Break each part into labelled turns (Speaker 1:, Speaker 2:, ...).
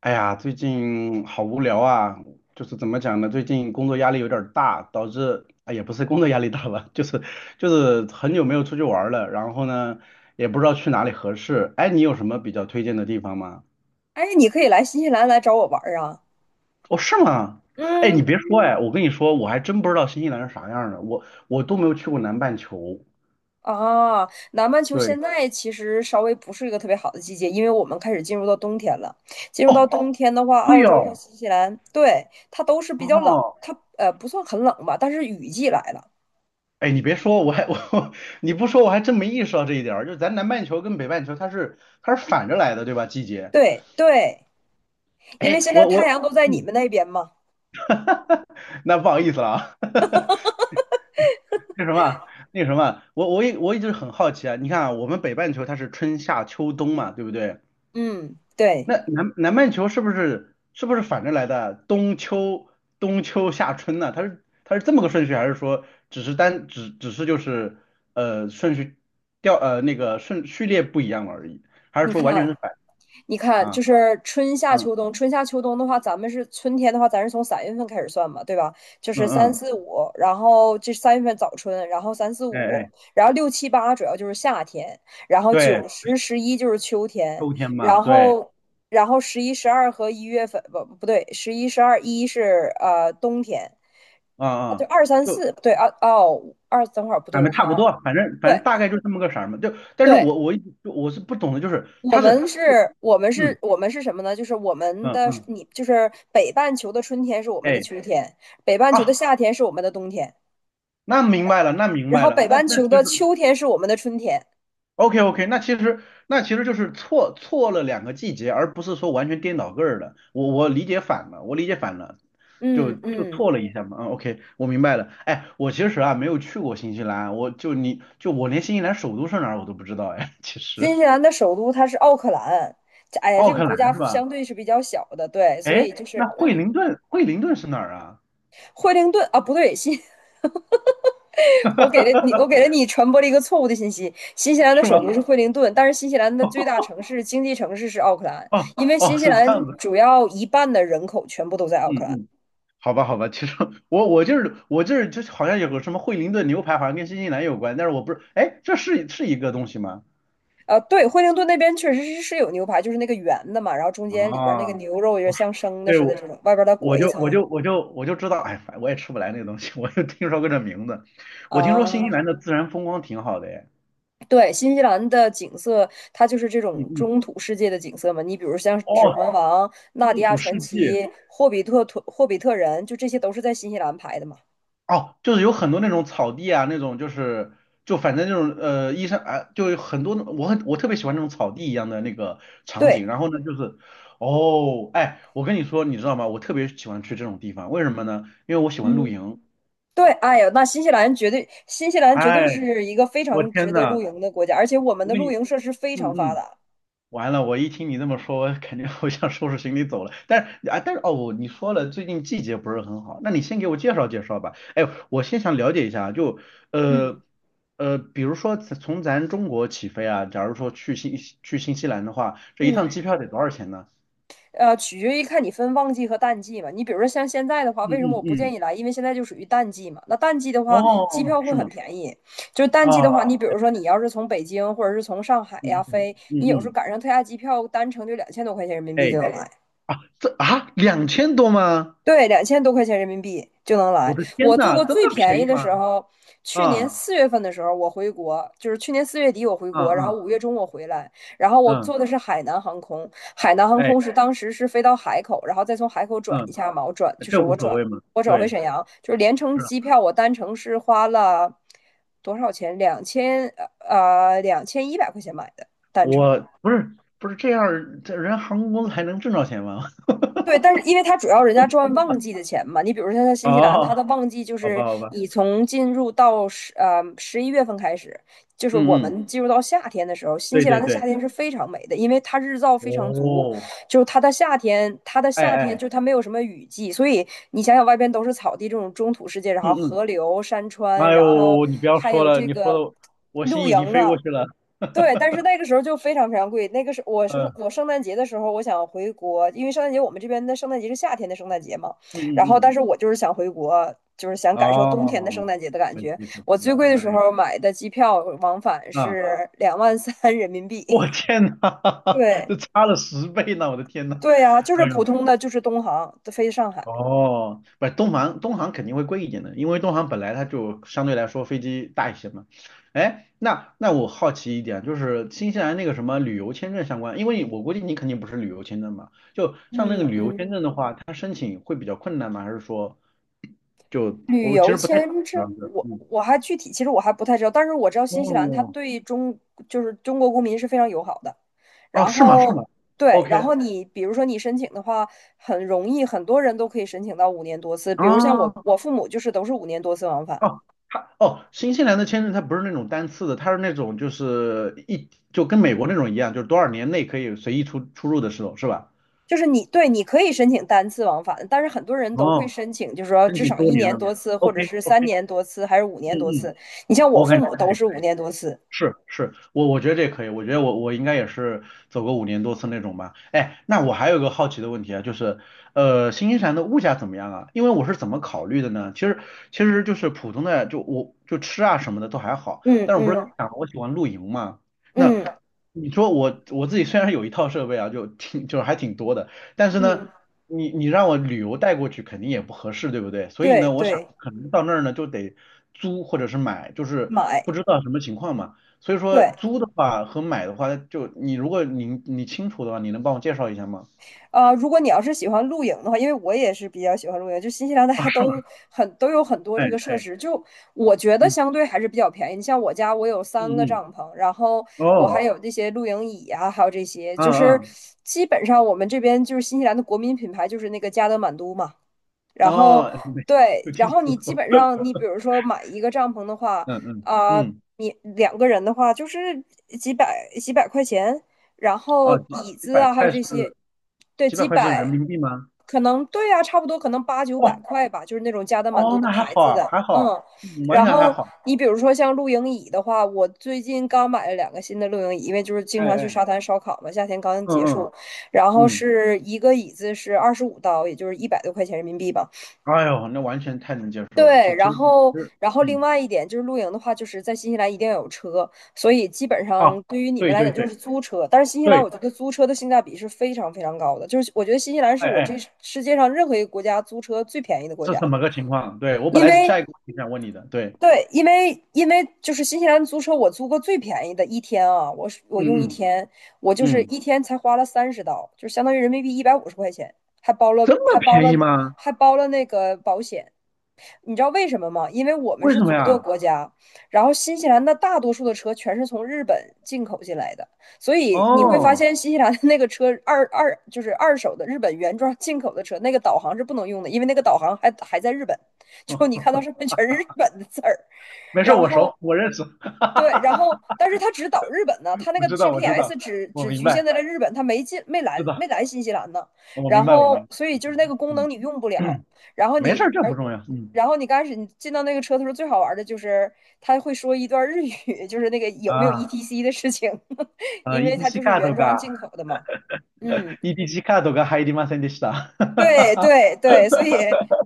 Speaker 1: 哎呀，最近好无聊啊，就是怎么讲呢？最近工作压力有点儿大，导致哎也不是工作压力大吧，就是很久没有出去玩儿了，然后呢也不知道去哪里合适。哎，你有什么比较推荐的地方吗？
Speaker 2: 哎，你可以来新西兰来找我玩儿啊！
Speaker 1: 哦，是吗？哎，你
Speaker 2: 嗯。
Speaker 1: 别说，哎，我跟你说，我还真不知道新西兰是啥样儿的，我都没有去过南半球。
Speaker 2: 啊，南半球现
Speaker 1: 对，
Speaker 2: 在其实稍微不是一个特别好的季节，因为我们开始进入到冬天了。进入到
Speaker 1: 哦，
Speaker 2: 冬天的话，
Speaker 1: 对
Speaker 2: 澳洲和
Speaker 1: 哦，
Speaker 2: 新西兰，对，它都是比较冷，
Speaker 1: 哦。
Speaker 2: 它不算很冷吧，但是雨季来了。
Speaker 1: 哎，你别说，我还我 你不说我还真没意识到这一点儿，就是咱南半球跟北半球它是反着来的，对吧？季节。
Speaker 2: 对对。因为
Speaker 1: 哎，
Speaker 2: 现在
Speaker 1: 我
Speaker 2: 太
Speaker 1: 我，
Speaker 2: 阳都在你
Speaker 1: 嗯，
Speaker 2: 们那边嘛。
Speaker 1: 那不好意思了啊，那什么，那什么，我一直很好奇啊，你看啊，我们北半球它是春夏秋冬嘛，对不对？
Speaker 2: 嗯，对。
Speaker 1: 那南半球是不是反着来的？冬秋冬秋夏春呢、它是这么个顺序，还是说只是就是呃顺序调呃那个顺序列不一样而已，还是
Speaker 2: 你
Speaker 1: 说完全
Speaker 2: 看，
Speaker 1: 是反啊？
Speaker 2: 就是春夏
Speaker 1: 嗯
Speaker 2: 秋冬，春夏秋冬的话，咱们是春天的话，咱是从三月份开始算嘛，对吧？就是
Speaker 1: 嗯
Speaker 2: 三
Speaker 1: 嗯，
Speaker 2: 四五，然后这三月份早春，然后三四
Speaker 1: 哎
Speaker 2: 五，
Speaker 1: 哎，
Speaker 2: 然后六七八主要就是夏天，然后
Speaker 1: 对，
Speaker 2: 九十十一就是秋天，
Speaker 1: 秋天嘛，
Speaker 2: 然
Speaker 1: 对，
Speaker 2: 后然后十一十二和一月份不对，十一十二一是冬天。
Speaker 1: 嗯
Speaker 2: 那就
Speaker 1: 嗯。
Speaker 2: 二三
Speaker 1: 就。
Speaker 2: 四，对，二，二等会儿不对，
Speaker 1: 俺们
Speaker 2: 我看
Speaker 1: 差不
Speaker 2: 啊。
Speaker 1: 多，反正反
Speaker 2: 对
Speaker 1: 正大概就这么个色儿嘛。就，但是
Speaker 2: 对，
Speaker 1: 我一直就我是不懂的，就是
Speaker 2: 我
Speaker 1: 它是，
Speaker 2: 们是，我们
Speaker 1: 嗯
Speaker 2: 是，我们是什么呢？就是我们
Speaker 1: 嗯
Speaker 2: 的，
Speaker 1: 嗯，
Speaker 2: 你就是北半球的春天是我们的
Speaker 1: 哎
Speaker 2: 秋天，北半球的
Speaker 1: 啊，
Speaker 2: 夏天是我们的冬天，
Speaker 1: 那明白了，那明
Speaker 2: 然
Speaker 1: 白
Speaker 2: 后
Speaker 1: 了，
Speaker 2: 北
Speaker 1: 那
Speaker 2: 半
Speaker 1: 那
Speaker 2: 球
Speaker 1: 其实
Speaker 2: 的秋天是我们的春天。
Speaker 1: OK OK，那其实就是错了两个季节，而不是说完全颠倒个儿的。我理解反了，我理解反了，就
Speaker 2: 嗯
Speaker 1: 就
Speaker 2: 嗯。
Speaker 1: 错了一下嘛。嗯，OK，我明白了。哎，我其实啊没有去过新西兰，我就你就我连新西兰首都是哪儿我都不知道哎，其
Speaker 2: 新
Speaker 1: 实
Speaker 2: 西兰的首都它是奥克兰，这哎呀，这
Speaker 1: 奥
Speaker 2: 个
Speaker 1: 克
Speaker 2: 国
Speaker 1: 兰
Speaker 2: 家
Speaker 1: 是吧？
Speaker 2: 相对是比较小的，对，所
Speaker 1: 哎，
Speaker 2: 以就
Speaker 1: 那
Speaker 2: 是
Speaker 1: 惠灵顿，惠灵顿是哪儿啊？
Speaker 2: 惠灵顿啊，不对。我给了你传播了一个错误的信息。新西兰的
Speaker 1: 是吗？
Speaker 2: 首都是惠灵顿，但是新西兰的最大城市、经济城市是奥克兰，
Speaker 1: 哦
Speaker 2: 因为新
Speaker 1: 哦，
Speaker 2: 西
Speaker 1: 是这样
Speaker 2: 兰
Speaker 1: 子。
Speaker 2: 主要一半的人口全部都在奥克
Speaker 1: 嗯
Speaker 2: 兰。
Speaker 1: 嗯，好吧好吧，其实我我就是我这儿就是就好像有个什么惠灵顿牛排，好像跟新西兰有关，但是我不是，哎，这是一个东西吗？
Speaker 2: 对，惠灵顿那边确实是有牛排，就是那个圆的嘛，然后中间里边那
Speaker 1: 啊，
Speaker 2: 个牛肉也点
Speaker 1: 我说，
Speaker 2: 像生的
Speaker 1: 对，
Speaker 2: 似的
Speaker 1: 我
Speaker 2: 这种，外边再
Speaker 1: 我
Speaker 2: 裹一
Speaker 1: 就我
Speaker 2: 层。
Speaker 1: 就我就我就知道，哎，反我也吃不来那个东西，我就听说过这名字。我听说新西
Speaker 2: 啊，
Speaker 1: 兰的自然风光挺好的，哎，
Speaker 2: 对，新西兰的景色，它就是这
Speaker 1: 嗯
Speaker 2: 种
Speaker 1: 嗯，
Speaker 2: 中土世界的景色嘛。你比如像《指
Speaker 1: 哦，
Speaker 2: 环王》《纳迪
Speaker 1: 风
Speaker 2: 亚
Speaker 1: 土
Speaker 2: 传
Speaker 1: 世
Speaker 2: 奇》
Speaker 1: 界，
Speaker 2: 《霍比特》《霍比特人》，就这些都是在新西兰拍的嘛。
Speaker 1: 哦，就是有很多那种草地啊，那种就是就反正那种医生啊，就有很多那我很我特别喜欢那种草地一样的那个场
Speaker 2: 对。
Speaker 1: 景。然后呢，就是哦，哎，我跟你说，你知道吗？我特别喜欢去这种地方，为什么呢？因为我喜欢露
Speaker 2: 嗯。
Speaker 1: 营。
Speaker 2: 对，哎呀，那新西兰绝对，新西兰绝
Speaker 1: 哎，
Speaker 2: 对是一个非
Speaker 1: 我
Speaker 2: 常
Speaker 1: 天
Speaker 2: 值得
Speaker 1: 呐，
Speaker 2: 露营的国家，而且我们
Speaker 1: 我
Speaker 2: 的
Speaker 1: 跟
Speaker 2: 露
Speaker 1: 你，
Speaker 2: 营设施非
Speaker 1: 嗯
Speaker 2: 常发
Speaker 1: 嗯。
Speaker 2: 达。
Speaker 1: 完了，我一听你这么说，我肯定 我想收拾行李走了。但是啊，但是哦，你说了，最近季节不是很好，那你先给我介绍介绍吧。哎，我先想了解一下，就呃
Speaker 2: 嗯
Speaker 1: 比如说从咱中国起飞啊，假如说去新西兰的话，这一趟
Speaker 2: 嗯。
Speaker 1: 机票得多少钱呢？
Speaker 2: 取决于看你分旺季和淡季嘛。你比如说像现在的话，
Speaker 1: 嗯
Speaker 2: 为什么
Speaker 1: 嗯
Speaker 2: 我不建
Speaker 1: 嗯，
Speaker 2: 议来？因为现在就属于淡季嘛。那淡季的话，
Speaker 1: 哦，
Speaker 2: 机票会
Speaker 1: 是
Speaker 2: 很
Speaker 1: 吗？
Speaker 2: 便宜。就是淡季的话，
Speaker 1: 啊，
Speaker 2: 你比如说你要是从北京或者是从上海呀
Speaker 1: 嗯嗯
Speaker 2: 飞，你
Speaker 1: 嗯
Speaker 2: 有时候
Speaker 1: 嗯，
Speaker 2: 赶上特价机票，单程就两千多块钱人民币就
Speaker 1: 哎
Speaker 2: 能来。
Speaker 1: 啊，这啊2000多吗？
Speaker 2: 对，两千多块钱人民币就能
Speaker 1: 我
Speaker 2: 来。
Speaker 1: 的天
Speaker 2: 我做
Speaker 1: 呐，
Speaker 2: 过
Speaker 1: 这么
Speaker 2: 最便
Speaker 1: 便
Speaker 2: 宜
Speaker 1: 宜
Speaker 2: 的
Speaker 1: 吗？
Speaker 2: 时候，去年
Speaker 1: 啊
Speaker 2: 4月份的时候我回国，就是去年4月底我回
Speaker 1: 啊
Speaker 2: 国，然后
Speaker 1: 啊
Speaker 2: 5月中我回来，然后我
Speaker 1: 嗯，
Speaker 2: 坐的是海南航空。海南航
Speaker 1: 哎。
Speaker 2: 空是当时是飞到海口，然后再从海口转一
Speaker 1: 嗯
Speaker 2: 下嘛。我转就
Speaker 1: 这
Speaker 2: 是
Speaker 1: 无
Speaker 2: 我
Speaker 1: 所
Speaker 2: 转
Speaker 1: 谓嘛。
Speaker 2: 我转回
Speaker 1: 对，
Speaker 2: 沈阳，就是连程
Speaker 1: 是啊，
Speaker 2: 机票我单程是花了多少钱？呃2100块钱买的单程。
Speaker 1: 我不是这样儿这人航空公司还能挣着钱吗？
Speaker 2: 对，但是因为它主要人家赚旺季的钱嘛，你比如说像 新西兰，
Speaker 1: 哦，
Speaker 2: 它的旺季就
Speaker 1: 好
Speaker 2: 是
Speaker 1: 吧，好吧，
Speaker 2: 你从进入到11月份开始，就是我
Speaker 1: 嗯嗯，
Speaker 2: 们进入到夏天的时候，新
Speaker 1: 对
Speaker 2: 西
Speaker 1: 对
Speaker 2: 兰的夏
Speaker 1: 对，
Speaker 2: 天是非常美的，因为它日照非常足，
Speaker 1: 哦，
Speaker 2: 就是它的夏天，它的
Speaker 1: 哎
Speaker 2: 夏天
Speaker 1: 哎，
Speaker 2: 就它没有什么雨季，所以你想想外边都是草地这种中土世界，然后
Speaker 1: 嗯嗯，
Speaker 2: 河流、山川，
Speaker 1: 哎
Speaker 2: 然后
Speaker 1: 呦，你不要
Speaker 2: 还
Speaker 1: 说
Speaker 2: 有
Speaker 1: 了，
Speaker 2: 这
Speaker 1: 你说
Speaker 2: 个
Speaker 1: 的我
Speaker 2: 露
Speaker 1: 心已
Speaker 2: 营
Speaker 1: 经飞过
Speaker 2: 啊。
Speaker 1: 去了，
Speaker 2: 对，但
Speaker 1: 哈
Speaker 2: 是那个时候就非常非常贵。那个是我是
Speaker 1: 哈，
Speaker 2: 我圣诞节的时候，我想回国，因为圣诞节我们这边的圣诞节是夏天的圣诞节嘛。
Speaker 1: 嗯
Speaker 2: 然
Speaker 1: 嗯
Speaker 2: 后，但
Speaker 1: 嗯
Speaker 2: 是我就是想回国，就是想
Speaker 1: 嗯，
Speaker 2: 感受冬天的圣
Speaker 1: 哦，
Speaker 2: 诞节的感
Speaker 1: 可
Speaker 2: 觉。
Speaker 1: 惜可惜
Speaker 2: 我最贵
Speaker 1: 了，
Speaker 2: 的时
Speaker 1: 哎呀，
Speaker 2: 候买的机票往返
Speaker 1: 啊，
Speaker 2: 是2万3人民币。
Speaker 1: 我天呐，
Speaker 2: 对，
Speaker 1: 这差了10倍呢，我的天呐，
Speaker 2: 对呀、就是
Speaker 1: 哎
Speaker 2: 普
Speaker 1: 呀。
Speaker 2: 通的，就是东航飞上海。
Speaker 1: 哦，不是东航，东航肯定会贵一点的，因为东航本来它就相对来说飞机大一些嘛。哎，那我好奇一点，就是新西兰那个什么旅游签证相关，因为我估计你肯定不是旅游签证嘛，就像那
Speaker 2: 嗯
Speaker 1: 个旅游
Speaker 2: 嗯。
Speaker 1: 签证的话，它申请会比较困难吗？还是说就
Speaker 2: 旅
Speaker 1: 我其
Speaker 2: 游
Speaker 1: 实不太知
Speaker 2: 签
Speaker 1: 道
Speaker 2: 证，
Speaker 1: 这个
Speaker 2: 我
Speaker 1: 嗯，
Speaker 2: 我还具体其实我还不太知道，但是我知道新西兰它
Speaker 1: 哦，
Speaker 2: 就是中国公民是非常友好的。
Speaker 1: 哦，
Speaker 2: 然
Speaker 1: 是吗？是
Speaker 2: 后
Speaker 1: 吗
Speaker 2: 对，然
Speaker 1: ？OK，
Speaker 2: 后你比如说你申请的话很容易，很多人都可以申请到五年多次，比如像我
Speaker 1: 啊。
Speaker 2: 我父母就是都是五年多次往返。
Speaker 1: 哦，新西兰的签证它不是那种单次的，它是那种就是跟美国那种一样，就是多少年内可以随意出入的时候，是吧？
Speaker 2: 就是你，对，你可以申请单次往返，但是很多人都会
Speaker 1: 哦，
Speaker 2: 申请，就是说
Speaker 1: 申
Speaker 2: 至
Speaker 1: 请
Speaker 2: 少
Speaker 1: 多
Speaker 2: 一
Speaker 1: 年
Speaker 2: 年
Speaker 1: 的嘛。
Speaker 2: 多次，或者
Speaker 1: OK
Speaker 2: 是三
Speaker 1: OK，
Speaker 2: 年多次，还是五
Speaker 1: 嗯
Speaker 2: 年多
Speaker 1: 嗯，
Speaker 2: 次。你像我
Speaker 1: 我
Speaker 2: 父
Speaker 1: 感觉
Speaker 2: 母
Speaker 1: 这个
Speaker 2: 都
Speaker 1: 也
Speaker 2: 是
Speaker 1: 可
Speaker 2: 五
Speaker 1: 以。
Speaker 2: 年多次。
Speaker 1: 是是，我觉得这可以，我觉得我应该也是走个5年多次那种吧。哎，那我还有一个好奇的问题啊，就是新西兰的物价怎么样啊？因为我是怎么考虑的呢？其实就是普通的，就我就吃啊什么的都还好，
Speaker 2: 嗯
Speaker 1: 但是我不是跟你
Speaker 2: 嗯
Speaker 1: 讲了我喜欢露营嘛？那
Speaker 2: 嗯
Speaker 1: 你说我自己虽然有一套设备啊，就挺就是还挺多的，但是呢，
Speaker 2: 嗯。
Speaker 1: 你让我旅游带过去肯定也不合适，对不对？所以
Speaker 2: 对
Speaker 1: 呢，我想
Speaker 2: 对，
Speaker 1: 可能到那儿呢就得租或者是买，就是
Speaker 2: 买。
Speaker 1: 不知道什么情况嘛。所以说
Speaker 2: 对，
Speaker 1: 租的话和买的话，如果你清楚的话，你能帮我介绍一下吗？
Speaker 2: 如果你要是喜欢露营的话，因为我也是比较喜欢露营，就新西兰大
Speaker 1: 啊，
Speaker 2: 家
Speaker 1: 是吗？
Speaker 2: 都有很多
Speaker 1: 哎
Speaker 2: 这个设
Speaker 1: 哎，
Speaker 2: 施，就我觉得
Speaker 1: 嗯
Speaker 2: 相对还是比较便宜。你像我家，我有
Speaker 1: 嗯
Speaker 2: 三个
Speaker 1: 嗯，
Speaker 2: 帐篷，然后我
Speaker 1: 哦，
Speaker 2: 还有这些露营椅啊，还有这些，
Speaker 1: 啊
Speaker 2: 就是
Speaker 1: 啊
Speaker 2: 基本上我们这边就是新西兰的国民品牌就是那个加德满都嘛。然后
Speaker 1: 哦，没
Speaker 2: 对，
Speaker 1: 有听
Speaker 2: 然后
Speaker 1: 说
Speaker 2: 你基
Speaker 1: 过，
Speaker 2: 本上，你比如说买一个帐篷的话，
Speaker 1: 嗯嗯
Speaker 2: 啊、
Speaker 1: 嗯，
Speaker 2: 你两个人的话就是几百块钱，然后
Speaker 1: 啊，
Speaker 2: 椅
Speaker 1: 几
Speaker 2: 子
Speaker 1: 百
Speaker 2: 啊，还有
Speaker 1: 块
Speaker 2: 这
Speaker 1: 是
Speaker 2: 些，对，
Speaker 1: 几百
Speaker 2: 几
Speaker 1: 块是人
Speaker 2: 百，
Speaker 1: 民币吗？
Speaker 2: 可能，对呀、差不多可能八九百
Speaker 1: 哦
Speaker 2: 块吧，就是那种加的蛮多
Speaker 1: 哦，
Speaker 2: 的
Speaker 1: 那还
Speaker 2: 牌
Speaker 1: 好
Speaker 2: 子
Speaker 1: 啊，
Speaker 2: 的，
Speaker 1: 还好啊，
Speaker 2: 嗯。
Speaker 1: 完
Speaker 2: 然
Speaker 1: 全还
Speaker 2: 后
Speaker 1: 好，
Speaker 2: 你比如说像露营椅的话，我最近刚买了两个新的露营椅，因为就是经
Speaker 1: 哎
Speaker 2: 常去
Speaker 1: 哎，
Speaker 2: 沙滩烧烤嘛，夏天刚结
Speaker 1: 嗯嗯
Speaker 2: 束，然后
Speaker 1: 嗯，
Speaker 2: 是一个椅子是25刀，也就是100多块钱人民币吧。
Speaker 1: 哎呦，那完全太能接受了，就
Speaker 2: 对，
Speaker 1: 其
Speaker 2: 然
Speaker 1: 实其
Speaker 2: 后，
Speaker 1: 实，
Speaker 2: 然后另
Speaker 1: 嗯，
Speaker 2: 外一点就是露营的话，就是在新西兰一定要有车，所以基本
Speaker 1: 啊，
Speaker 2: 上对于你们
Speaker 1: 对
Speaker 2: 来
Speaker 1: 对
Speaker 2: 讲就
Speaker 1: 对
Speaker 2: 是租车。但是新西兰，
Speaker 1: 对，
Speaker 2: 我觉得租车的性价比是非常非常高的，就是我觉得新西兰是
Speaker 1: 哎
Speaker 2: 我
Speaker 1: 哎，
Speaker 2: 这世界上任何一个国家租车最便宜的国
Speaker 1: 是
Speaker 2: 家，
Speaker 1: 怎么个情况？对，我本
Speaker 2: 因
Speaker 1: 来是
Speaker 2: 为
Speaker 1: 下一个问题想问你的，对。
Speaker 2: 对，因为就是新西兰租车，我租过最便宜的一天啊，我
Speaker 1: 嗯
Speaker 2: 用一
Speaker 1: 嗯
Speaker 2: 天，我就是
Speaker 1: 嗯，
Speaker 2: 一天才花了30刀，就相当于人民币150块钱，还包
Speaker 1: 这
Speaker 2: 了
Speaker 1: 么
Speaker 2: 还包
Speaker 1: 便
Speaker 2: 了
Speaker 1: 宜吗？
Speaker 2: 还包了那个保险。你知道为什么吗？因为我们
Speaker 1: 为
Speaker 2: 是
Speaker 1: 什么
Speaker 2: 左舵
Speaker 1: 呀？
Speaker 2: 国家，然后新西兰的大多数的车全是从日本进口进来的，所以你会发
Speaker 1: 哦，
Speaker 2: 现新西兰的那个车就是二手的日本原装进口的车，那个导航是不能用的，因为那个导航还在日本，就你看到上面全是日本的字儿。
Speaker 1: 没事，
Speaker 2: 然
Speaker 1: 我
Speaker 2: 后
Speaker 1: 熟，我认识，哈哈
Speaker 2: 对，
Speaker 1: 哈
Speaker 2: 然后
Speaker 1: 哈，
Speaker 2: 但是他只导日本呢，他那
Speaker 1: 我
Speaker 2: 个
Speaker 1: 知道，我知
Speaker 2: GPS
Speaker 1: 道，
Speaker 2: 只
Speaker 1: 我
Speaker 2: 只
Speaker 1: 明
Speaker 2: 局限
Speaker 1: 白，
Speaker 2: 在了日本，他
Speaker 1: 知
Speaker 2: 没
Speaker 1: 道，
Speaker 2: 来新西兰呢。
Speaker 1: 我
Speaker 2: 然
Speaker 1: 明白，我
Speaker 2: 后
Speaker 1: 明白，
Speaker 2: 所以就是那个功
Speaker 1: 嗯，
Speaker 2: 能你用不了，然 后
Speaker 1: 没事儿，这不重要，嗯
Speaker 2: 然后你刚开始你进到那个车的时候，最好玩的就是他会说一段日语，就是那个有没有
Speaker 1: 啊
Speaker 2: ETC 的事情，因为它就
Speaker 1: EDC
Speaker 2: 是
Speaker 1: カー
Speaker 2: 原
Speaker 1: ド
Speaker 2: 装
Speaker 1: が、
Speaker 2: 进口的嘛。嗯，
Speaker 1: EDC カードが入りませんでした。
Speaker 2: 对 对对，所以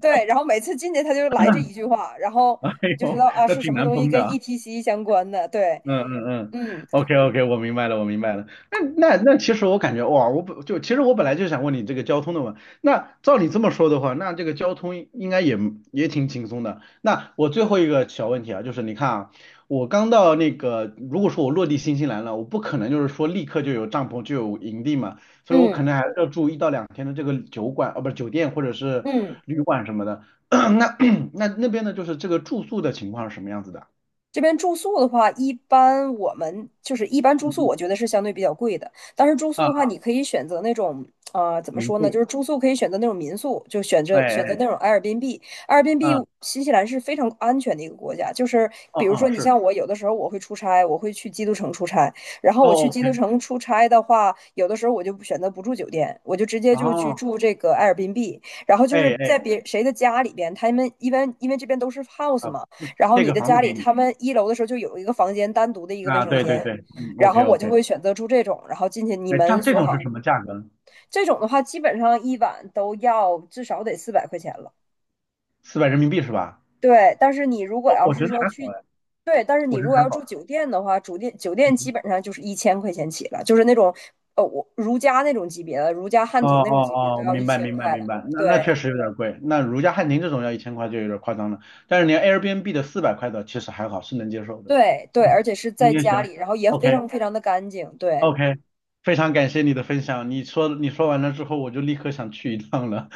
Speaker 2: 对，然后每次进去他就来这一句话，然后
Speaker 1: 哎
Speaker 2: 就知
Speaker 1: 呦，
Speaker 2: 道啊
Speaker 1: 那
Speaker 2: 是
Speaker 1: 挺
Speaker 2: 什么
Speaker 1: 难
Speaker 2: 东西
Speaker 1: 崩
Speaker 2: 跟
Speaker 1: 的啊。
Speaker 2: ETC 相关的。对。
Speaker 1: 嗯嗯嗯
Speaker 2: 嗯
Speaker 1: ，OK OK，我明白了，我明白了。那那那，其实我感觉哇，我本就其实我本来就想问你这个交通的嘛。那照你这么说的话，那这个交通应该也挺轻松的。那我最后一个小问题啊，就是你看啊，我刚到那个，如果说我落地新西兰了，我不可能就是说立刻就有帐篷就有营地嘛，所以我可
Speaker 2: 嗯
Speaker 1: 能还是要住一到两天的这个酒馆，不是酒店或者是
Speaker 2: 嗯。
Speaker 1: 旅馆什么的。那 那边呢，就是这个住宿的情况是什么样子的？
Speaker 2: 这边住宿的话，一般我们就是一般
Speaker 1: 嗯
Speaker 2: 住宿，
Speaker 1: 嗯
Speaker 2: 我觉得是相对比较贵的。但是住宿
Speaker 1: 啊，
Speaker 2: 的话，你可以选择那种，怎么
Speaker 1: 民
Speaker 2: 说呢？
Speaker 1: 宿。
Speaker 2: 就是住宿可以选择那种民宿，就选择
Speaker 1: 哎哎，
Speaker 2: 选择那种 a 尔 r b n 尔 a i
Speaker 1: 嗯嗯
Speaker 2: b，
Speaker 1: 嗯，
Speaker 2: 新西兰是非常安全的一个国家，就是
Speaker 1: 哦
Speaker 2: 比如
Speaker 1: 哦
Speaker 2: 说你
Speaker 1: 是，
Speaker 2: 像我，有的时候我会出差，我会去基督城出差。然后我去
Speaker 1: 哦
Speaker 2: 基
Speaker 1: OK，
Speaker 2: 督城出差的话，有的时候我就不选择不住酒店，我就直接就去
Speaker 1: 哦，
Speaker 2: 住这个 a 尔 r b b， 然后就是
Speaker 1: 哎哎
Speaker 2: 在别谁的家里边，他们一般因为这边都是 house
Speaker 1: 啊，
Speaker 2: 嘛。然后
Speaker 1: 这
Speaker 2: 你
Speaker 1: 个
Speaker 2: 的
Speaker 1: 房子
Speaker 2: 家
Speaker 1: 给
Speaker 2: 里
Speaker 1: 你
Speaker 2: 他们一楼的时候就有一个房间单独的一个卫
Speaker 1: 啊，
Speaker 2: 生
Speaker 1: 对对
Speaker 2: 间，
Speaker 1: 对，嗯
Speaker 2: 然
Speaker 1: OK
Speaker 2: 后我就
Speaker 1: OK，
Speaker 2: 会选择住这种，然后进去你
Speaker 1: 哎，
Speaker 2: 们
Speaker 1: 像这
Speaker 2: 锁
Speaker 1: 种是
Speaker 2: 好。
Speaker 1: 什么价格呢？
Speaker 2: 这种的话，基本上一晚都要至少得400块钱了。
Speaker 1: 400人民币是吧？
Speaker 2: 对，但是你如果
Speaker 1: 我
Speaker 2: 要
Speaker 1: 我觉
Speaker 2: 是
Speaker 1: 得
Speaker 2: 说
Speaker 1: 还
Speaker 2: 去，
Speaker 1: 好哎，
Speaker 2: 对，但是你
Speaker 1: 我觉
Speaker 2: 如
Speaker 1: 得
Speaker 2: 果
Speaker 1: 还
Speaker 2: 要住
Speaker 1: 好，
Speaker 2: 酒店的话，酒店基
Speaker 1: 嗯，
Speaker 2: 本上就是1000块钱起了，就是那种我如家那种级别的，如家汉
Speaker 1: 哦
Speaker 2: 庭那种
Speaker 1: 哦
Speaker 2: 级别都
Speaker 1: 哦，
Speaker 2: 要一
Speaker 1: 明白
Speaker 2: 千
Speaker 1: 明白
Speaker 2: 块了。
Speaker 1: 明白，那
Speaker 2: 对
Speaker 1: 确实有点贵，那如家汉庭这种要1000块就有点夸张了，但是连 Airbnb 的400块的其实还好，是能接受的，
Speaker 2: 对对，
Speaker 1: 嗯，
Speaker 2: 而且是
Speaker 1: 行
Speaker 2: 在
Speaker 1: 行
Speaker 2: 家
Speaker 1: 行
Speaker 2: 里，然后也非
Speaker 1: ，OK。
Speaker 2: 常非常的干净。对。
Speaker 1: OK，非常感谢你的分享。你说完了之后，我就立刻想去一趟了。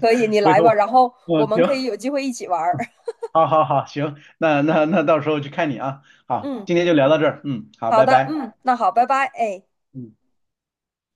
Speaker 2: 可以，你
Speaker 1: 回
Speaker 2: 来
Speaker 1: 头，
Speaker 2: 吧，然后我
Speaker 1: 嗯，
Speaker 2: 们可以
Speaker 1: 行，
Speaker 2: 有机会一起玩儿。
Speaker 1: 好好好，行，那到时候去看你啊。好，
Speaker 2: 嗯，
Speaker 1: 今天就聊到这儿，嗯，好，
Speaker 2: 好
Speaker 1: 拜
Speaker 2: 的，
Speaker 1: 拜。
Speaker 2: 嗯，那好，拜拜，哎。
Speaker 1: 嗯。